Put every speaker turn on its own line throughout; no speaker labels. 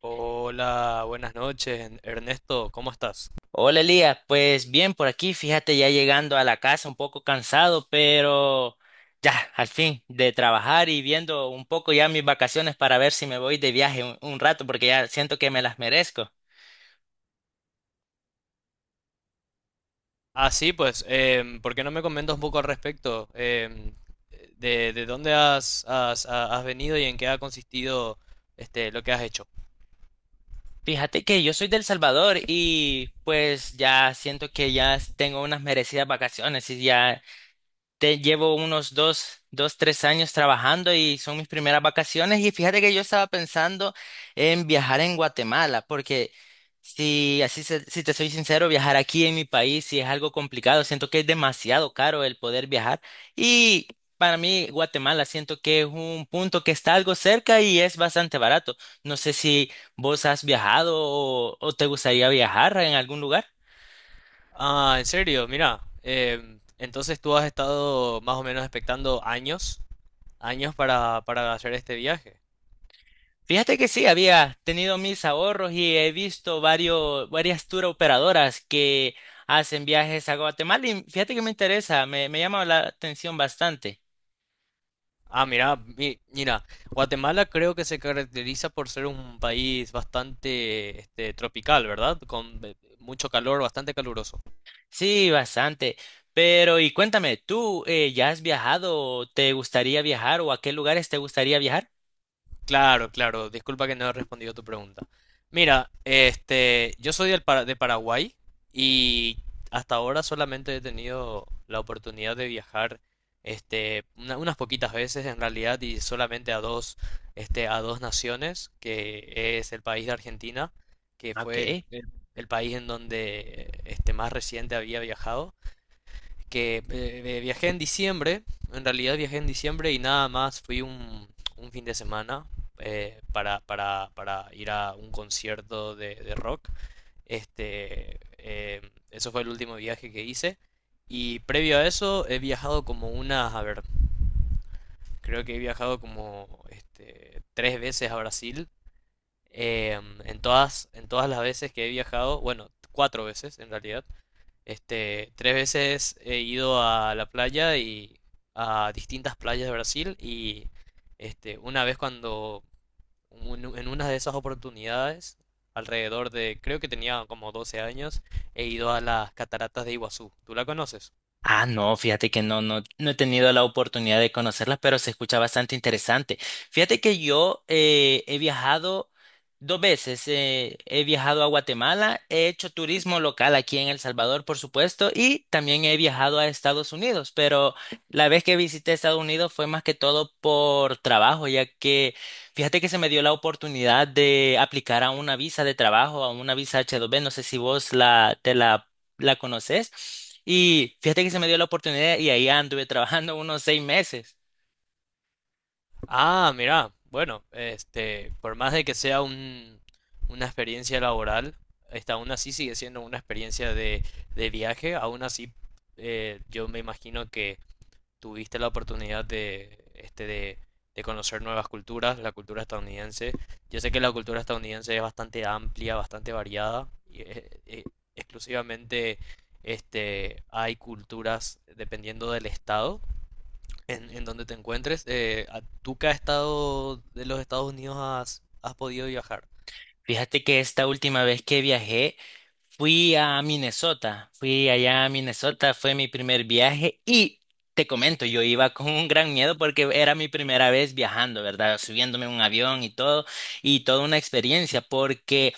Hola, buenas noches, Ernesto, ¿cómo estás?
Hola Elías, pues bien por aquí, fíjate ya llegando a la casa un poco cansado, pero ya al fin de trabajar y viendo un poco ya mis vacaciones para ver si me voy de viaje un rato porque ya siento que me las merezco.
Ah, sí, pues, ¿por qué no me comentas un poco al respecto? De dónde has venido y en qué ha consistido este, ¿lo que has hecho?
Fíjate que yo soy del Salvador y pues ya siento que ya tengo unas merecidas vacaciones y ya te llevo unos dos, 3 años trabajando y son mis primeras vacaciones. Y fíjate que yo estaba pensando en viajar en Guatemala, porque si te soy sincero, viajar aquí en mi país sí es algo complicado. Siento que es demasiado caro el poder viajar. Y para mí, Guatemala siento que es un punto que está algo cerca y es bastante barato. No sé si vos has viajado o te gustaría viajar en algún lugar.
Ah, en serio, mira, entonces tú has estado más o menos expectando años, años para hacer este viaje.
Fíjate que sí, había tenido mis ahorros y he visto varias tour operadoras que hacen viajes a Guatemala y fíjate que me interesa, me llama la atención bastante.
Ah, mira, mira, Guatemala creo que se caracteriza por ser un país bastante este, tropical, ¿verdad? Con mucho calor, bastante caluroso.
Sí, bastante. Pero y cuéntame, ¿tú ya has viajado? ¿Te gustaría viajar o a qué lugares te gustaría viajar?
Claro, claro, disculpa que no he respondido tu pregunta. Mira, este, yo soy del de Paraguay y hasta ahora solamente he tenido la oportunidad de viajar, este, unas poquitas veces en realidad y solamente a dos, este, a dos naciones, que es el país de Argentina, que
Ok.
fue el el país en donde, este, más reciente había viajado, que viajé en diciembre, en realidad viajé en diciembre y nada más fui un fin de semana para ir a un concierto de rock. Este, eso fue el último viaje que hice. Y previo a eso he viajado como unas, a ver, creo que he viajado como este, tres veces a Brasil. Eh, en todas las veces que he viajado, bueno, cuatro veces en realidad, este, tres veces he ido a la playa y a distintas playas de Brasil y este, una vez cuando en una de esas oportunidades, alrededor de, creo que tenía como 12 años, he ido a las cataratas de Iguazú. ¿Tú la conoces?
Ah, no, fíjate que no, no, no he tenido la oportunidad de conocerlas, pero se escucha bastante interesante. Fíjate que yo he viajado dos veces, he viajado a Guatemala, he hecho turismo local aquí en El Salvador, por supuesto, y también he viajado a Estados Unidos, pero la vez que visité Estados Unidos fue más que todo por trabajo, ya que fíjate que se me dio la oportunidad de aplicar a una visa de trabajo, a una visa H-2B, no sé si te la conoces. Y fíjate que se me dio la oportunidad y ahí anduve trabajando unos 6 meses.
Ah, mira, bueno, este, por más de que sea un, una experiencia laboral, esta aún así sigue siendo una experiencia de viaje, aún así yo me imagino que tuviste la oportunidad de, este, de conocer nuevas culturas, la cultura estadounidense. Yo sé que la cultura estadounidense es bastante amplia, bastante variada, y exclusivamente este, hay culturas dependiendo del estado en donde te encuentres. ¿Tú qué estado de los Estados Unidos has podido viajar?
Fíjate que esta última vez que viajé fui a Minnesota, fui allá a Minnesota, fue mi primer viaje y te comento, yo iba con un gran miedo porque era mi primera vez viajando, ¿verdad? Subiéndome a un avión y todo, y toda una experiencia porque,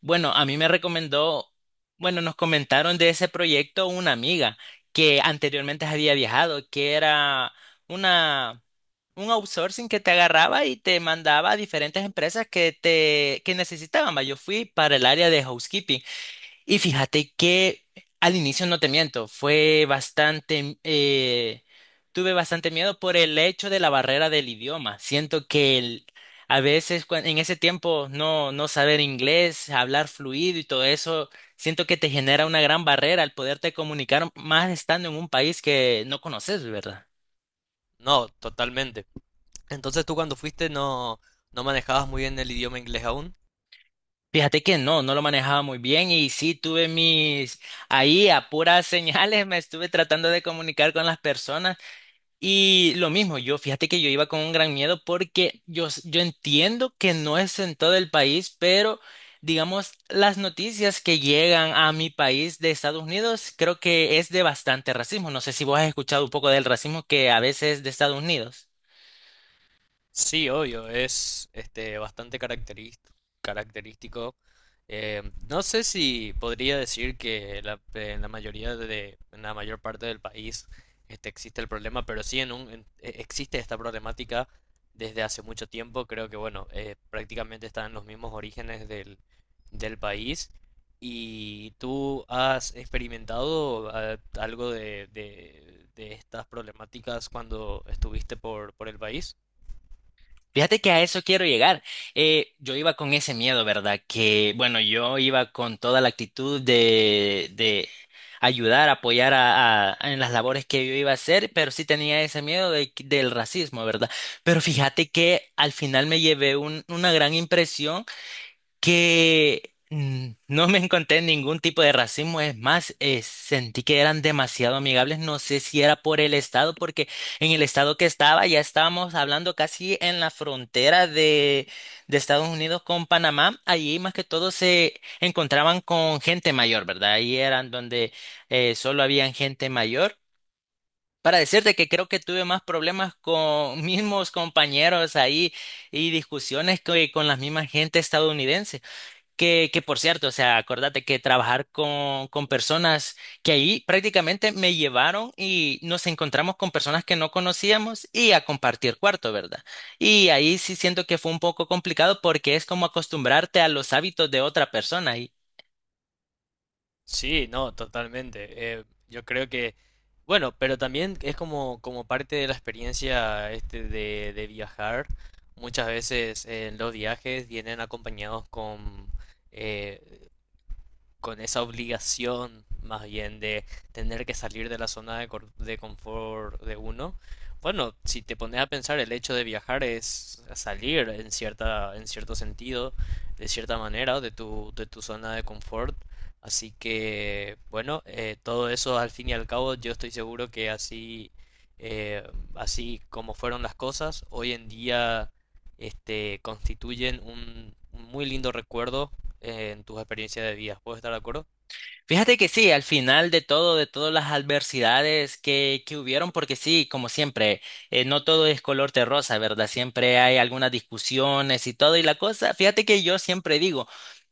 bueno, a mí me recomendó, bueno, nos comentaron de ese proyecto una amiga que anteriormente había viajado, que era una... un outsourcing que te agarraba y te mandaba a diferentes empresas que te que necesitaban. Va. Yo fui para el área de housekeeping y fíjate que al inicio no te miento, fue bastante tuve bastante miedo por el hecho de la barrera del idioma. Siento que a veces en ese tiempo no saber inglés, hablar fluido y todo eso, siento que te genera una gran barrera al poderte comunicar más estando en un país que no conoces, ¿verdad?
No, totalmente. Entonces tú cuando fuiste no, no manejabas muy bien el idioma inglés aún.
Fíjate que no, no lo manejaba muy bien y sí tuve mis, ahí a puras señales me estuve tratando de comunicar con las personas y lo mismo, yo fíjate que yo iba con un gran miedo porque yo entiendo que no es en todo el país, pero digamos las noticias que llegan a mi país de Estados Unidos creo que es de bastante racismo. No sé si vos has escuchado un poco del racismo que a veces es de Estados Unidos.
Sí, obvio, es este bastante característico. Eh, no sé si podría decir que en la mayoría de, en la mayor parte del país este, existe el problema, pero sí en un, existe esta problemática desde hace mucho tiempo. Creo que bueno, prácticamente están en los mismos orígenes del país. ¿Y tú has experimentado algo de estas problemáticas cuando estuviste por el país?
Fíjate que a eso quiero llegar. Yo iba con ese miedo, ¿verdad? Que, bueno, yo iba con toda la actitud de ayudar, apoyar a en las labores que yo iba a hacer, pero sí tenía ese miedo del racismo, ¿verdad? Pero fíjate que al final me llevé una gran impresión que no me encontré ningún tipo de racismo, es más, sentí que eran demasiado amigables, no sé si era por el estado, porque en el estado que estaba ya estábamos hablando casi en la frontera de Estados Unidos con Panamá, allí más que todo se encontraban con gente mayor, ¿verdad? Ahí eran donde solo habían gente mayor. Para decirte que creo que tuve más problemas con mismos compañeros ahí y discusiones que con la misma gente estadounidense. Que por cierto, o sea, acuérdate que trabajar con personas que ahí prácticamente me llevaron y nos encontramos con personas que no conocíamos y a compartir cuarto, ¿verdad? Y ahí sí siento que fue un poco complicado porque es como acostumbrarte a los hábitos de otra persona.
Sí, no, totalmente. Yo creo que, bueno, pero también es como parte de la experiencia este de viajar. Muchas veces los viajes vienen acompañados eh, con esa obligación más bien de tener que salir de la zona de, de confort de uno. Bueno, si te pones a pensar, el hecho de viajar es salir en cierta, en cierto sentido, de cierta manera, de tu zona de confort. Así que, bueno, todo eso al fin y al cabo, yo estoy seguro que así, eh, así como fueron las cosas, hoy en día, este, constituyen un muy lindo recuerdo en tus experiencias de vida. ¿Puedo estar de acuerdo?
Fíjate que sí, al final de todo, de todas las adversidades que hubieron, porque sí, como siempre, no todo es color de rosa, ¿verdad? Siempre hay algunas discusiones y todo, y la cosa, fíjate que yo siempre digo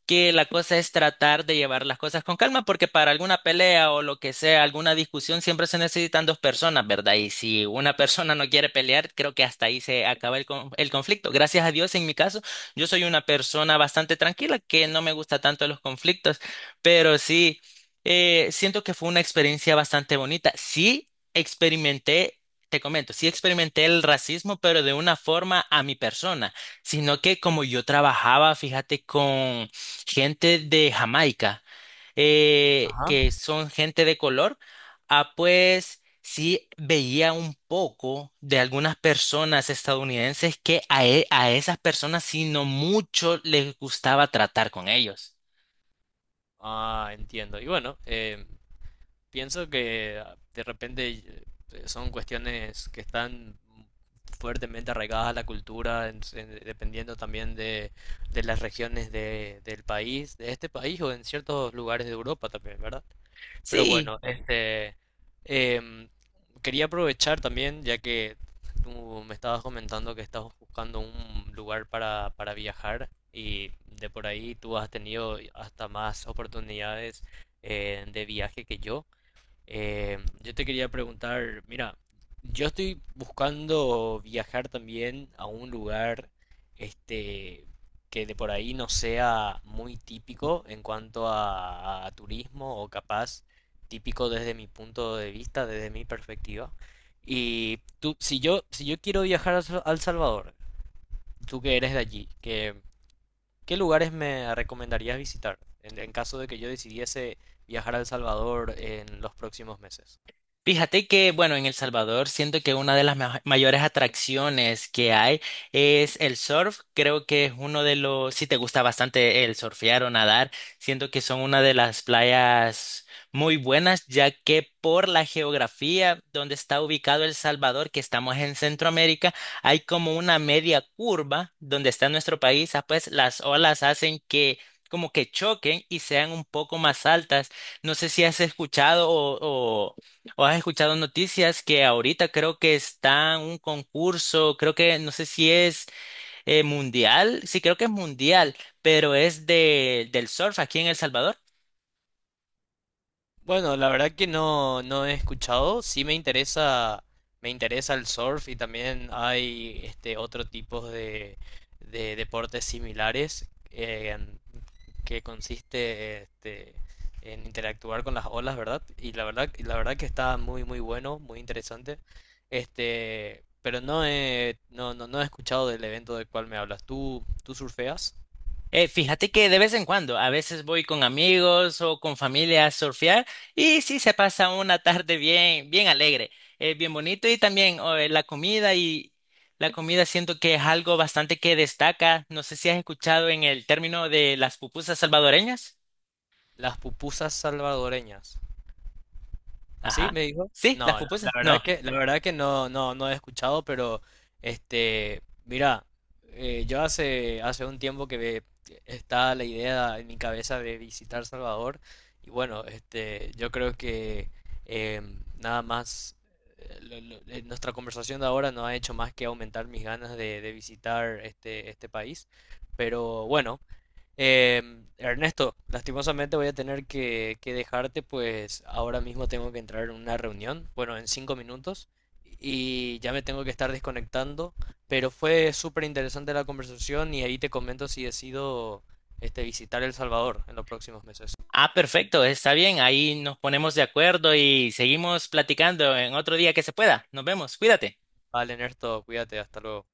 que la cosa es tratar de llevar las cosas con calma, porque para alguna pelea o lo que sea, alguna discusión, siempre se necesitan dos personas, ¿verdad? Y si una persona no quiere pelear, creo que hasta ahí se acaba el conflicto. Gracias a Dios, en mi caso, yo soy una persona bastante tranquila, que no me gusta tanto los conflictos, pero sí. Siento que fue una experiencia bastante bonita. Sí experimenté, te comento, sí experimenté el racismo, pero de una forma a mi persona, sino que como yo trabajaba, fíjate, con gente de Jamaica,
Ajá.
que son gente de color, ah, pues sí veía un poco de algunas personas estadounidenses que a esas personas, sino mucho les gustaba tratar con ellos.
Ah, entiendo. Y bueno, pienso que de repente son cuestiones que están fuertemente arraigadas a la cultura, dependiendo también de las regiones del país, de este país o en ciertos lugares de Europa también, ¿verdad? Pero
Sí.
bueno, este, em, quería aprovechar también, ya que tú me estabas comentando que estabas buscando un lugar para viajar y de por ahí tú has tenido hasta más oportunidades de viaje que yo. Yo te quería preguntar, mira, yo estoy buscando viajar también a un lugar, este, que de por ahí no sea muy típico en cuanto a turismo o capaz típico desde mi punto de vista, desde mi perspectiva. Y tú, si yo quiero viajar a al Salvador, tú que eres de allí, qué lugares me recomendarías visitar en caso de que yo decidiese viajar a El Salvador en los próximos meses?
Fíjate que, bueno, en El Salvador siento que una de las mayores atracciones que hay es el surf. Creo que es uno de los, si te gusta bastante el surfear o nadar, siento que son una de las playas muy buenas, ya que por la geografía donde está ubicado El Salvador, que estamos en Centroamérica, hay como una media curva donde está nuestro país, ah, pues las olas hacen que como que choquen y sean un poco más altas. No sé si has escuchado. ¿O has escuchado noticias que ahorita creo que está un concurso, creo que no sé si es mundial, sí creo que es mundial, pero es del surf aquí en El Salvador?
Bueno, la verdad que no, no he escuchado. Sí me interesa el surf y también hay este otro tipo de deportes similares que consiste este, en interactuar con las olas, ¿verdad? Y la verdad, y la verdad que está muy muy bueno, muy interesante. Este, pero no he escuchado del evento del cual me hablas. ¿Tú, tú surfeas?
Fíjate que de vez en cuando, a veces voy con amigos o con familia a surfear y sí se pasa una tarde bien, bien alegre, bien bonito y también oh, la comida siento que es algo bastante que destaca. No sé si has escuchado en el término de las pupusas salvadoreñas.
Las pupusas salvadoreñas. ¿Así
Ajá.
me dijo?
Sí, las
No, la
pupusas.
verdad
No.
que no no no he escuchado, pero este, mira, yo hace un tiempo que está la idea en mi cabeza de visitar Salvador y bueno, este, yo creo que nada más nuestra conversación de ahora no ha hecho más que aumentar mis ganas de visitar este país, pero bueno. Em, Ernesto, lastimosamente voy a tener que dejarte, pues ahora mismo tengo que entrar en una reunión, bueno, en 5 minutos, y ya me tengo que estar desconectando, pero fue súper interesante la conversación y ahí te comento si decido este, visitar El Salvador en los próximos meses.
Ah, perfecto, está bien. Ahí nos ponemos de acuerdo y seguimos platicando en otro día que se pueda. Nos vemos. Cuídate.
Vale, Ernesto, cuídate, hasta luego.